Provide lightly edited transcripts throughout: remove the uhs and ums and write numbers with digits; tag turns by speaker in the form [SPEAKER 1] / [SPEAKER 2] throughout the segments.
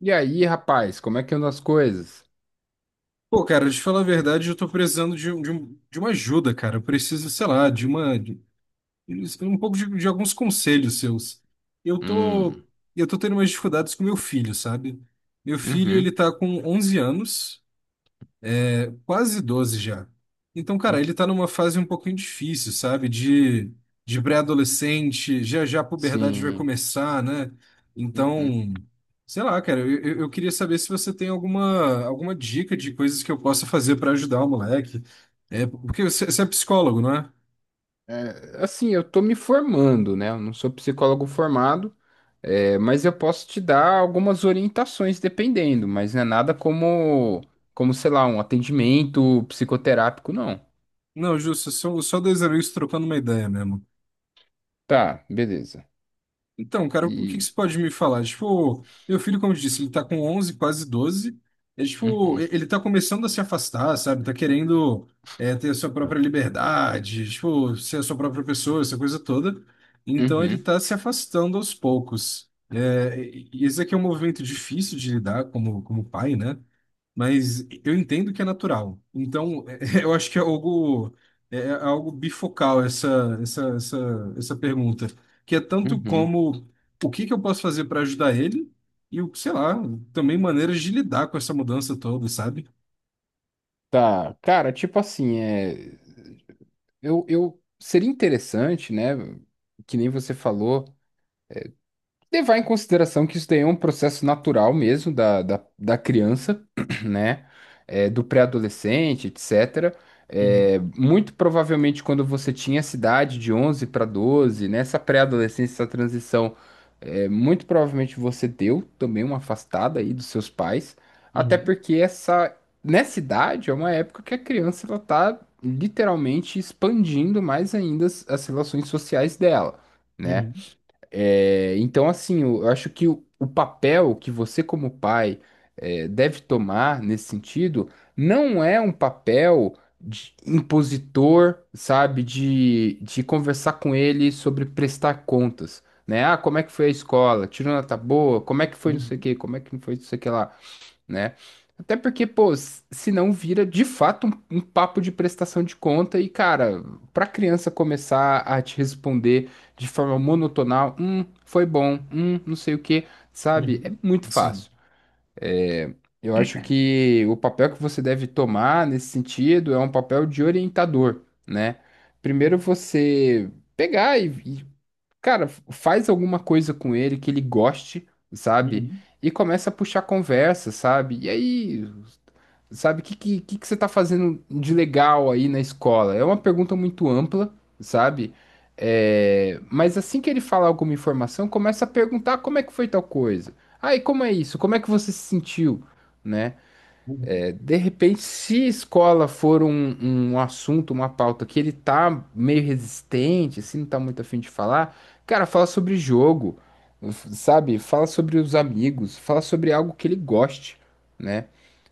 [SPEAKER 1] E aí, rapaz, como é que andam as coisas?
[SPEAKER 2] Pô, cara, de falar a verdade, eu tô precisando de uma ajuda, cara. Eu preciso, sei lá, um pouco de alguns conselhos seus. Eu tô,
[SPEAKER 1] Hum.
[SPEAKER 2] eu tô tendo umas dificuldades com meu filho, sabe? Meu filho, ele
[SPEAKER 1] Uhum.
[SPEAKER 2] tá com 11 anos. Quase 12 já. Então, cara,
[SPEAKER 1] Hum.
[SPEAKER 2] ele tá numa fase um pouquinho difícil, sabe? De pré-adolescente, já já a puberdade vai
[SPEAKER 1] Sim.
[SPEAKER 2] começar, né?
[SPEAKER 1] Uhum.
[SPEAKER 2] Então, sei lá, cara, eu queria saber se você tem alguma dica de coisas que eu possa fazer pra ajudar o moleque. É, porque você é psicólogo, não é?
[SPEAKER 1] Assim, eu tô me formando, né? Eu não sou psicólogo formado, mas eu posso te dar algumas orientações dependendo, mas não é nada como, sei lá, um atendimento psicoterápico, não.
[SPEAKER 2] Não, justo, só dois amigos trocando uma ideia mesmo.
[SPEAKER 1] Tá, beleza.
[SPEAKER 2] Então, cara, o que que
[SPEAKER 1] E.
[SPEAKER 2] você pode me falar? Tipo, meu filho, como eu disse, ele tá com 11 quase 12. É, tipo,
[SPEAKER 1] Uhum,
[SPEAKER 2] ele tá começando a se afastar, sabe? Tá querendo é, ter a sua própria liberdade, tipo, ser a sua própria pessoa, essa coisa toda. Então, ele
[SPEAKER 1] uhum,
[SPEAKER 2] tá se afastando aos poucos. É, e esse aqui é um movimento difícil de lidar como, como pai, né? Mas eu entendo que é natural. Então, eu acho que é algo, é algo bifocal essa pergunta, que é tanto
[SPEAKER 1] uhum.
[SPEAKER 2] como o que que eu posso fazer para ajudar ele e, sei lá, também maneiras de lidar com essa mudança toda, sabe?
[SPEAKER 1] Tá, cara, tipo assim, eu seria interessante, né? Que nem você falou. Levar em consideração que isso daí é um processo natural mesmo da criança, né? É, do pré-adolescente, etc.
[SPEAKER 2] Uhum,
[SPEAKER 1] É, muito provavelmente quando você tinha essa idade de 11 para 12, nessa pré-adolescência, essa transição, é, muito provavelmente você deu também uma afastada aí dos seus pais, até
[SPEAKER 2] uhum,
[SPEAKER 1] porque nessa idade é uma época que a criança ela tá literalmente expandindo mais ainda as relações sociais dela, né?
[SPEAKER 2] uhum,
[SPEAKER 1] É, então, assim, eu acho que o papel que você, como pai, deve tomar nesse sentido não é um papel de impositor, sabe, de conversar com ele sobre prestar contas, né? Ah, como é que foi a escola? Tirou nota boa? Como é que foi não
[SPEAKER 2] uhum,
[SPEAKER 1] sei o quê? Como é que não foi não sei o que lá? Né? Até porque, pô, se não vira de fato um papo de prestação de conta e, cara, pra criança começar a te responder de forma monotonal, foi bom, não sei o quê, sabe? É
[SPEAKER 2] uhum,
[SPEAKER 1] muito
[SPEAKER 2] sim,
[SPEAKER 1] fácil. Eu acho que o papel que você deve tomar nesse sentido é um papel de orientador, né? Primeiro você pegar e, cara, faz alguma coisa com ele que ele goste, sabe?
[SPEAKER 2] uhum,
[SPEAKER 1] E começa a puxar conversa, sabe? E aí sabe? O que que você está fazendo de legal aí na escola? É uma pergunta muito ampla, sabe? É, mas assim que ele fala alguma informação, começa a perguntar como é que foi tal coisa. Ah, e como é isso? Como é que você se sentiu? Né?
[SPEAKER 2] uhum,
[SPEAKER 1] De repente, se escola for um assunto, uma pauta que ele tá meio resistente, assim, não tá muito afim de falar, cara, fala sobre jogo, sabe? Fala sobre os amigos, fala sobre algo que ele goste, né?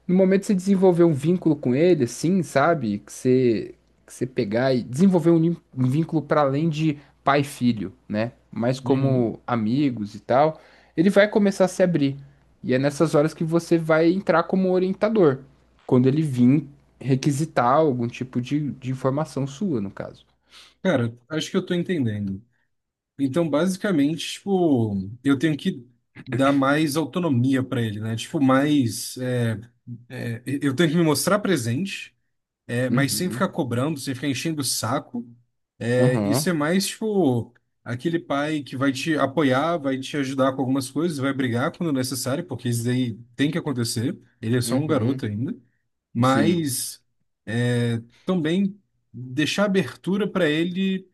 [SPEAKER 1] No momento que você desenvolver um vínculo com ele, assim, sabe? Que você pegar e desenvolver um vínculo para além de pai e filho, né? Mas
[SPEAKER 2] uhum.
[SPEAKER 1] como amigos e tal, ele vai começar a se abrir. E é nessas horas que você vai entrar como orientador quando ele vir requisitar algum tipo de informação sua, no caso.
[SPEAKER 2] Cara, acho que eu tô entendendo. Então, basicamente, tipo, eu tenho que dar mais autonomia para ele, né? Tipo, mais, é, é, eu tenho que me mostrar presente. É, mas sem
[SPEAKER 1] Uhum,
[SPEAKER 2] ficar cobrando, sem ficar enchendo o saco. É, e
[SPEAKER 1] uhum,
[SPEAKER 2] ser mais, tipo, aquele pai que vai te apoiar, vai te ajudar com algumas coisas, vai brigar quando necessário, porque isso daí tem que acontecer. Ele é só um garoto
[SPEAKER 1] uhum,
[SPEAKER 2] ainda.
[SPEAKER 1] sim,
[SPEAKER 2] Mas é, também deixar abertura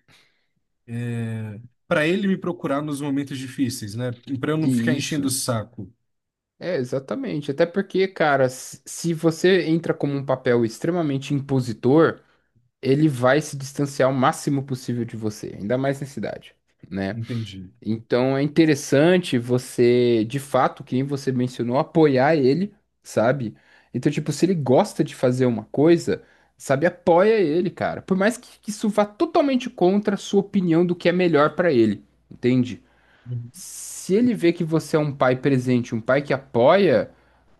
[SPEAKER 2] para ele me procurar nos momentos difíceis, né? Para eu não ficar
[SPEAKER 1] e
[SPEAKER 2] enchendo o
[SPEAKER 1] isso.
[SPEAKER 2] saco.
[SPEAKER 1] É, exatamente. Até porque, cara, se você entra como um papel extremamente impositor, ele vai se distanciar o máximo possível de você, ainda mais nessa idade, né?
[SPEAKER 2] Entendi.
[SPEAKER 1] Então é interessante você, de fato, quem você mencionou, apoiar ele, sabe? Então, tipo, se ele gosta de fazer uma coisa, sabe, apoia ele, cara. Por mais que isso vá totalmente contra a sua opinião do que é melhor pra ele, entende? Se ele vê que você é um pai presente, um pai que apoia,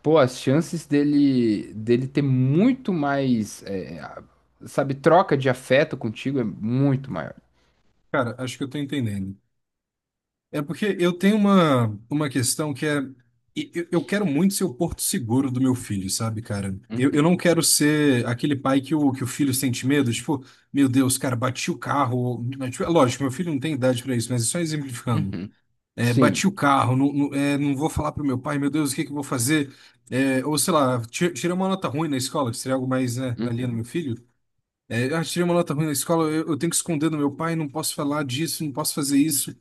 [SPEAKER 1] pô, as chances dele ter muito mais, sabe, troca de afeto contigo é muito maior.
[SPEAKER 2] Cara, acho que eu tô entendendo. É porque eu tenho uma questão que é. Eu quero muito ser o porto seguro do meu filho, sabe, cara? Eu não
[SPEAKER 1] Uhum,
[SPEAKER 2] quero ser aquele pai que que o filho sente medo, tipo, meu Deus, cara, bati o carro, né? Tipo, é lógico, meu filho não tem idade pra isso, mas é só exemplificando.
[SPEAKER 1] uhum.
[SPEAKER 2] É, bati
[SPEAKER 1] Sim.
[SPEAKER 2] o carro, não, não, é, não vou falar pro meu pai, meu Deus, o que que eu vou fazer? É, ou sei lá, tirei uma nota ruim na escola, que seria algo mais, né, na linha do
[SPEAKER 1] Uhum.
[SPEAKER 2] meu filho. É, ah, tirei uma nota ruim na escola, eu tenho que esconder do meu pai, não posso falar disso, não posso fazer isso.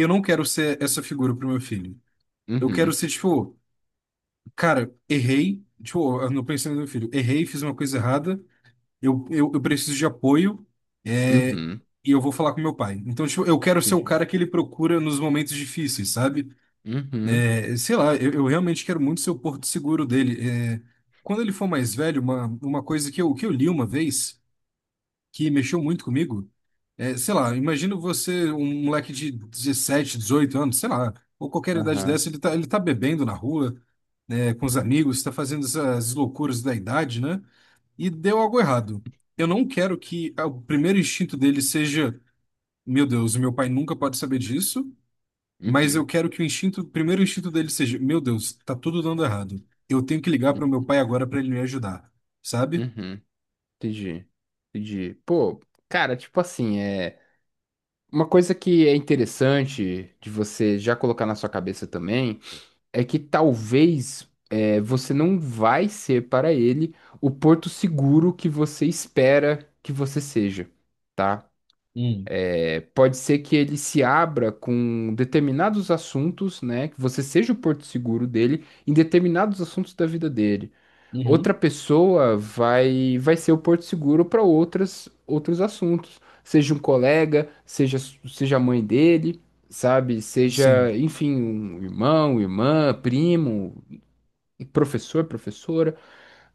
[SPEAKER 2] Eu não quero ser essa figura pro meu filho. Eu quero
[SPEAKER 1] Uhum,
[SPEAKER 2] ser, tipo, cara, errei, tipo, eu não pensei no meu filho, errei, fiz uma coisa errada, eu preciso de apoio, é,
[SPEAKER 1] uhum,
[SPEAKER 2] e eu vou falar com meu pai. Então, tipo, eu quero ser o
[SPEAKER 1] entendi.
[SPEAKER 2] cara que ele procura nos momentos difíceis, sabe?
[SPEAKER 1] Uhum,
[SPEAKER 2] É, sei lá, eu realmente quero muito ser o porto seguro dele. É, quando ele for mais velho, uma coisa que eu li uma vez que mexeu muito comigo. É, sei lá, imagino você, um moleque de 17, 18 anos, sei lá, ou qualquer idade
[SPEAKER 1] aham,
[SPEAKER 2] dessa, ele tá bebendo na rua, né, com os amigos, tá fazendo essas loucuras da idade, né? E deu algo errado. Eu não quero que ah, o primeiro instinto dele seja, meu Deus, meu pai nunca pode saber disso, mas eu
[SPEAKER 1] uhum,
[SPEAKER 2] quero que o primeiro instinto dele seja, meu Deus, tá tudo dando errado. Eu tenho que ligar para o meu
[SPEAKER 1] uhum,
[SPEAKER 2] pai agora para ele me ajudar, sabe?
[SPEAKER 1] uhum, entendi, entendi. Pô, cara, tipo assim, é uma coisa que é interessante de você já colocar na sua cabeça também é que talvez você não vai ser para ele o porto seguro que você espera que você seja, tá?
[SPEAKER 2] Hum,
[SPEAKER 1] Pode ser que ele se abra com determinados assuntos, né? Que você seja o porto seguro dele em determinados assuntos da vida dele. Outra
[SPEAKER 2] uhum,
[SPEAKER 1] pessoa vai ser o porto seguro para outras outros assuntos, seja um colega, seja a mãe dele, sabe?
[SPEAKER 2] sim,
[SPEAKER 1] Seja, enfim, um irmão, irmã, primo, professor, professora,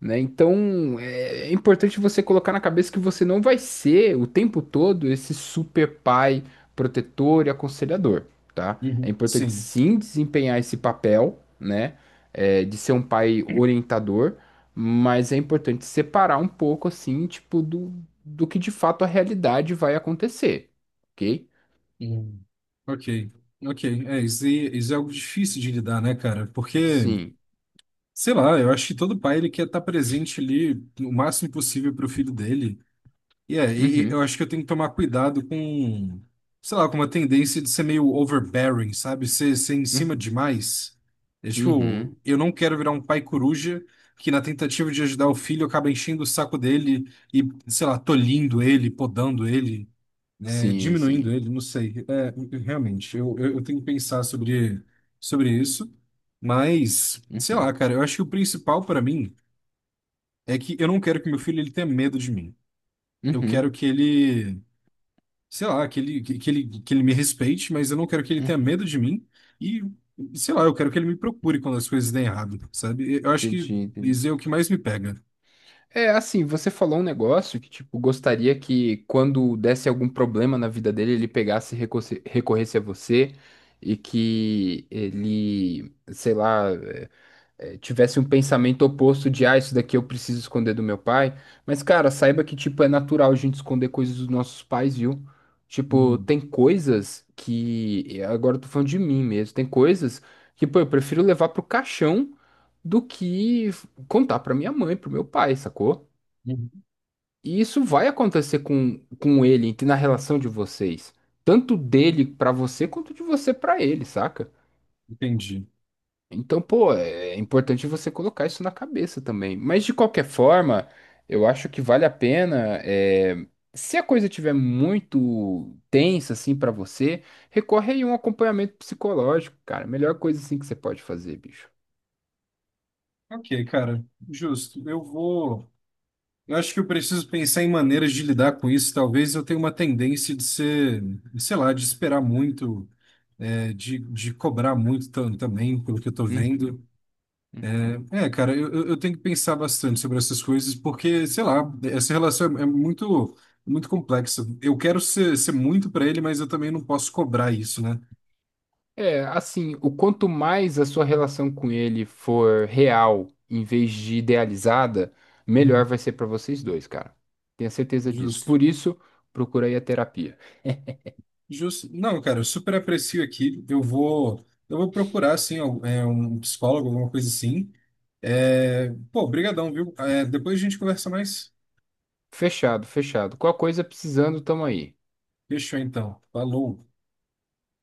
[SPEAKER 1] né? Então, é importante você colocar na cabeça que você não vai ser o tempo todo esse super pai protetor e aconselhador, tá? É
[SPEAKER 2] uhum.
[SPEAKER 1] importante
[SPEAKER 2] Sim.
[SPEAKER 1] sim desempenhar esse papel, né? De ser um pai orientador, mas é importante separar um pouco, assim, tipo, do que de fato a realidade vai acontecer, ok?
[SPEAKER 2] Hum. Ok, ok. É, isso, isso é algo difícil de lidar, né, cara? Porque,
[SPEAKER 1] Sim.
[SPEAKER 2] sei lá, eu acho que todo pai ele quer estar presente ali o máximo possível para o filho dele. E é, e
[SPEAKER 1] Uhum.
[SPEAKER 2] eu acho que eu tenho que tomar cuidado com, sei lá, com uma tendência de ser meio overbearing, sabe? Ser em cima
[SPEAKER 1] Uhum.
[SPEAKER 2] demais. É, tipo,
[SPEAKER 1] Uhum.
[SPEAKER 2] eu não quero virar um pai coruja que, na tentativa de ajudar o filho, acaba enchendo o saco dele e, sei lá, tolhindo ele, podando ele. É,
[SPEAKER 1] Sim,
[SPEAKER 2] diminuindo
[SPEAKER 1] sim.
[SPEAKER 2] ele, não sei. É, realmente, eu tenho que pensar sobre, sobre isso. Mas, sei
[SPEAKER 1] Uhum.
[SPEAKER 2] lá, cara, eu acho que o principal para mim é que eu não quero que meu filho ele tenha medo de mim. Eu quero
[SPEAKER 1] Uhum.
[SPEAKER 2] que ele, sei lá, que ele me respeite, mas eu não quero que ele tenha
[SPEAKER 1] Uhum.
[SPEAKER 2] medo de mim. E, sei lá, eu quero que ele me procure quando as coisas dêem errado, sabe? Eu acho que
[SPEAKER 1] Entendi, entendi.
[SPEAKER 2] isso é o que mais me pega.
[SPEAKER 1] É assim, você falou um negócio que, tipo, gostaria que quando desse algum problema na vida dele, ele pegasse e recorresse a você e que ele, sei lá, tivesse um pensamento oposto de, ah, isso daqui eu preciso esconder do meu pai. Mas, cara, saiba que, tipo, é natural a gente esconder coisas dos nossos pais, viu? Tipo,
[SPEAKER 2] Hum,
[SPEAKER 1] tem coisas que, agora eu tô falando de mim mesmo, tem coisas que, pô, eu prefiro levar pro caixão do que contar pra minha mãe, pro meu pai, sacou?
[SPEAKER 2] hum,
[SPEAKER 1] E isso vai acontecer com ele, na relação de vocês. Tanto dele pra você, quanto de você pra ele, saca?
[SPEAKER 2] Entendi.
[SPEAKER 1] Então, pô, é importante você colocar isso na cabeça também. Mas de qualquer forma, eu acho que vale a pena. Se a coisa estiver muito tensa, assim, pra você, recorre aí a um acompanhamento psicológico, cara. Melhor coisa, assim, que você pode fazer, bicho.
[SPEAKER 2] Ok, cara, justo. Eu vou. Eu acho que eu preciso pensar em maneiras de lidar com isso. Talvez eu tenha uma tendência de ser, sei lá, de esperar muito, é, de cobrar muito também, pelo que eu tô
[SPEAKER 1] Uhum,
[SPEAKER 2] vendo.
[SPEAKER 1] uhum.
[SPEAKER 2] É, cara, eu tenho que pensar bastante sobre essas coisas, porque, sei lá, essa relação é, é muito, muito complexa. Eu quero ser, ser muito para ele, mas eu também não posso cobrar isso, né?
[SPEAKER 1] É, assim, o quanto mais a sua relação com ele for real em vez de idealizada, melhor
[SPEAKER 2] Uhum.
[SPEAKER 1] vai ser pra vocês dois, cara. Tenha certeza disso.
[SPEAKER 2] Justo.
[SPEAKER 1] Por isso, procura aí a terapia.
[SPEAKER 2] Justo. Não, cara, eu super aprecio aqui. Eu vou procurar, assim, é, um psicólogo, alguma coisa assim. É, pô, brigadão, viu? É, depois a gente conversa mais.
[SPEAKER 1] Fechado, fechado. Qual coisa precisando, tamo aí.
[SPEAKER 2] Fechou, então. Falou.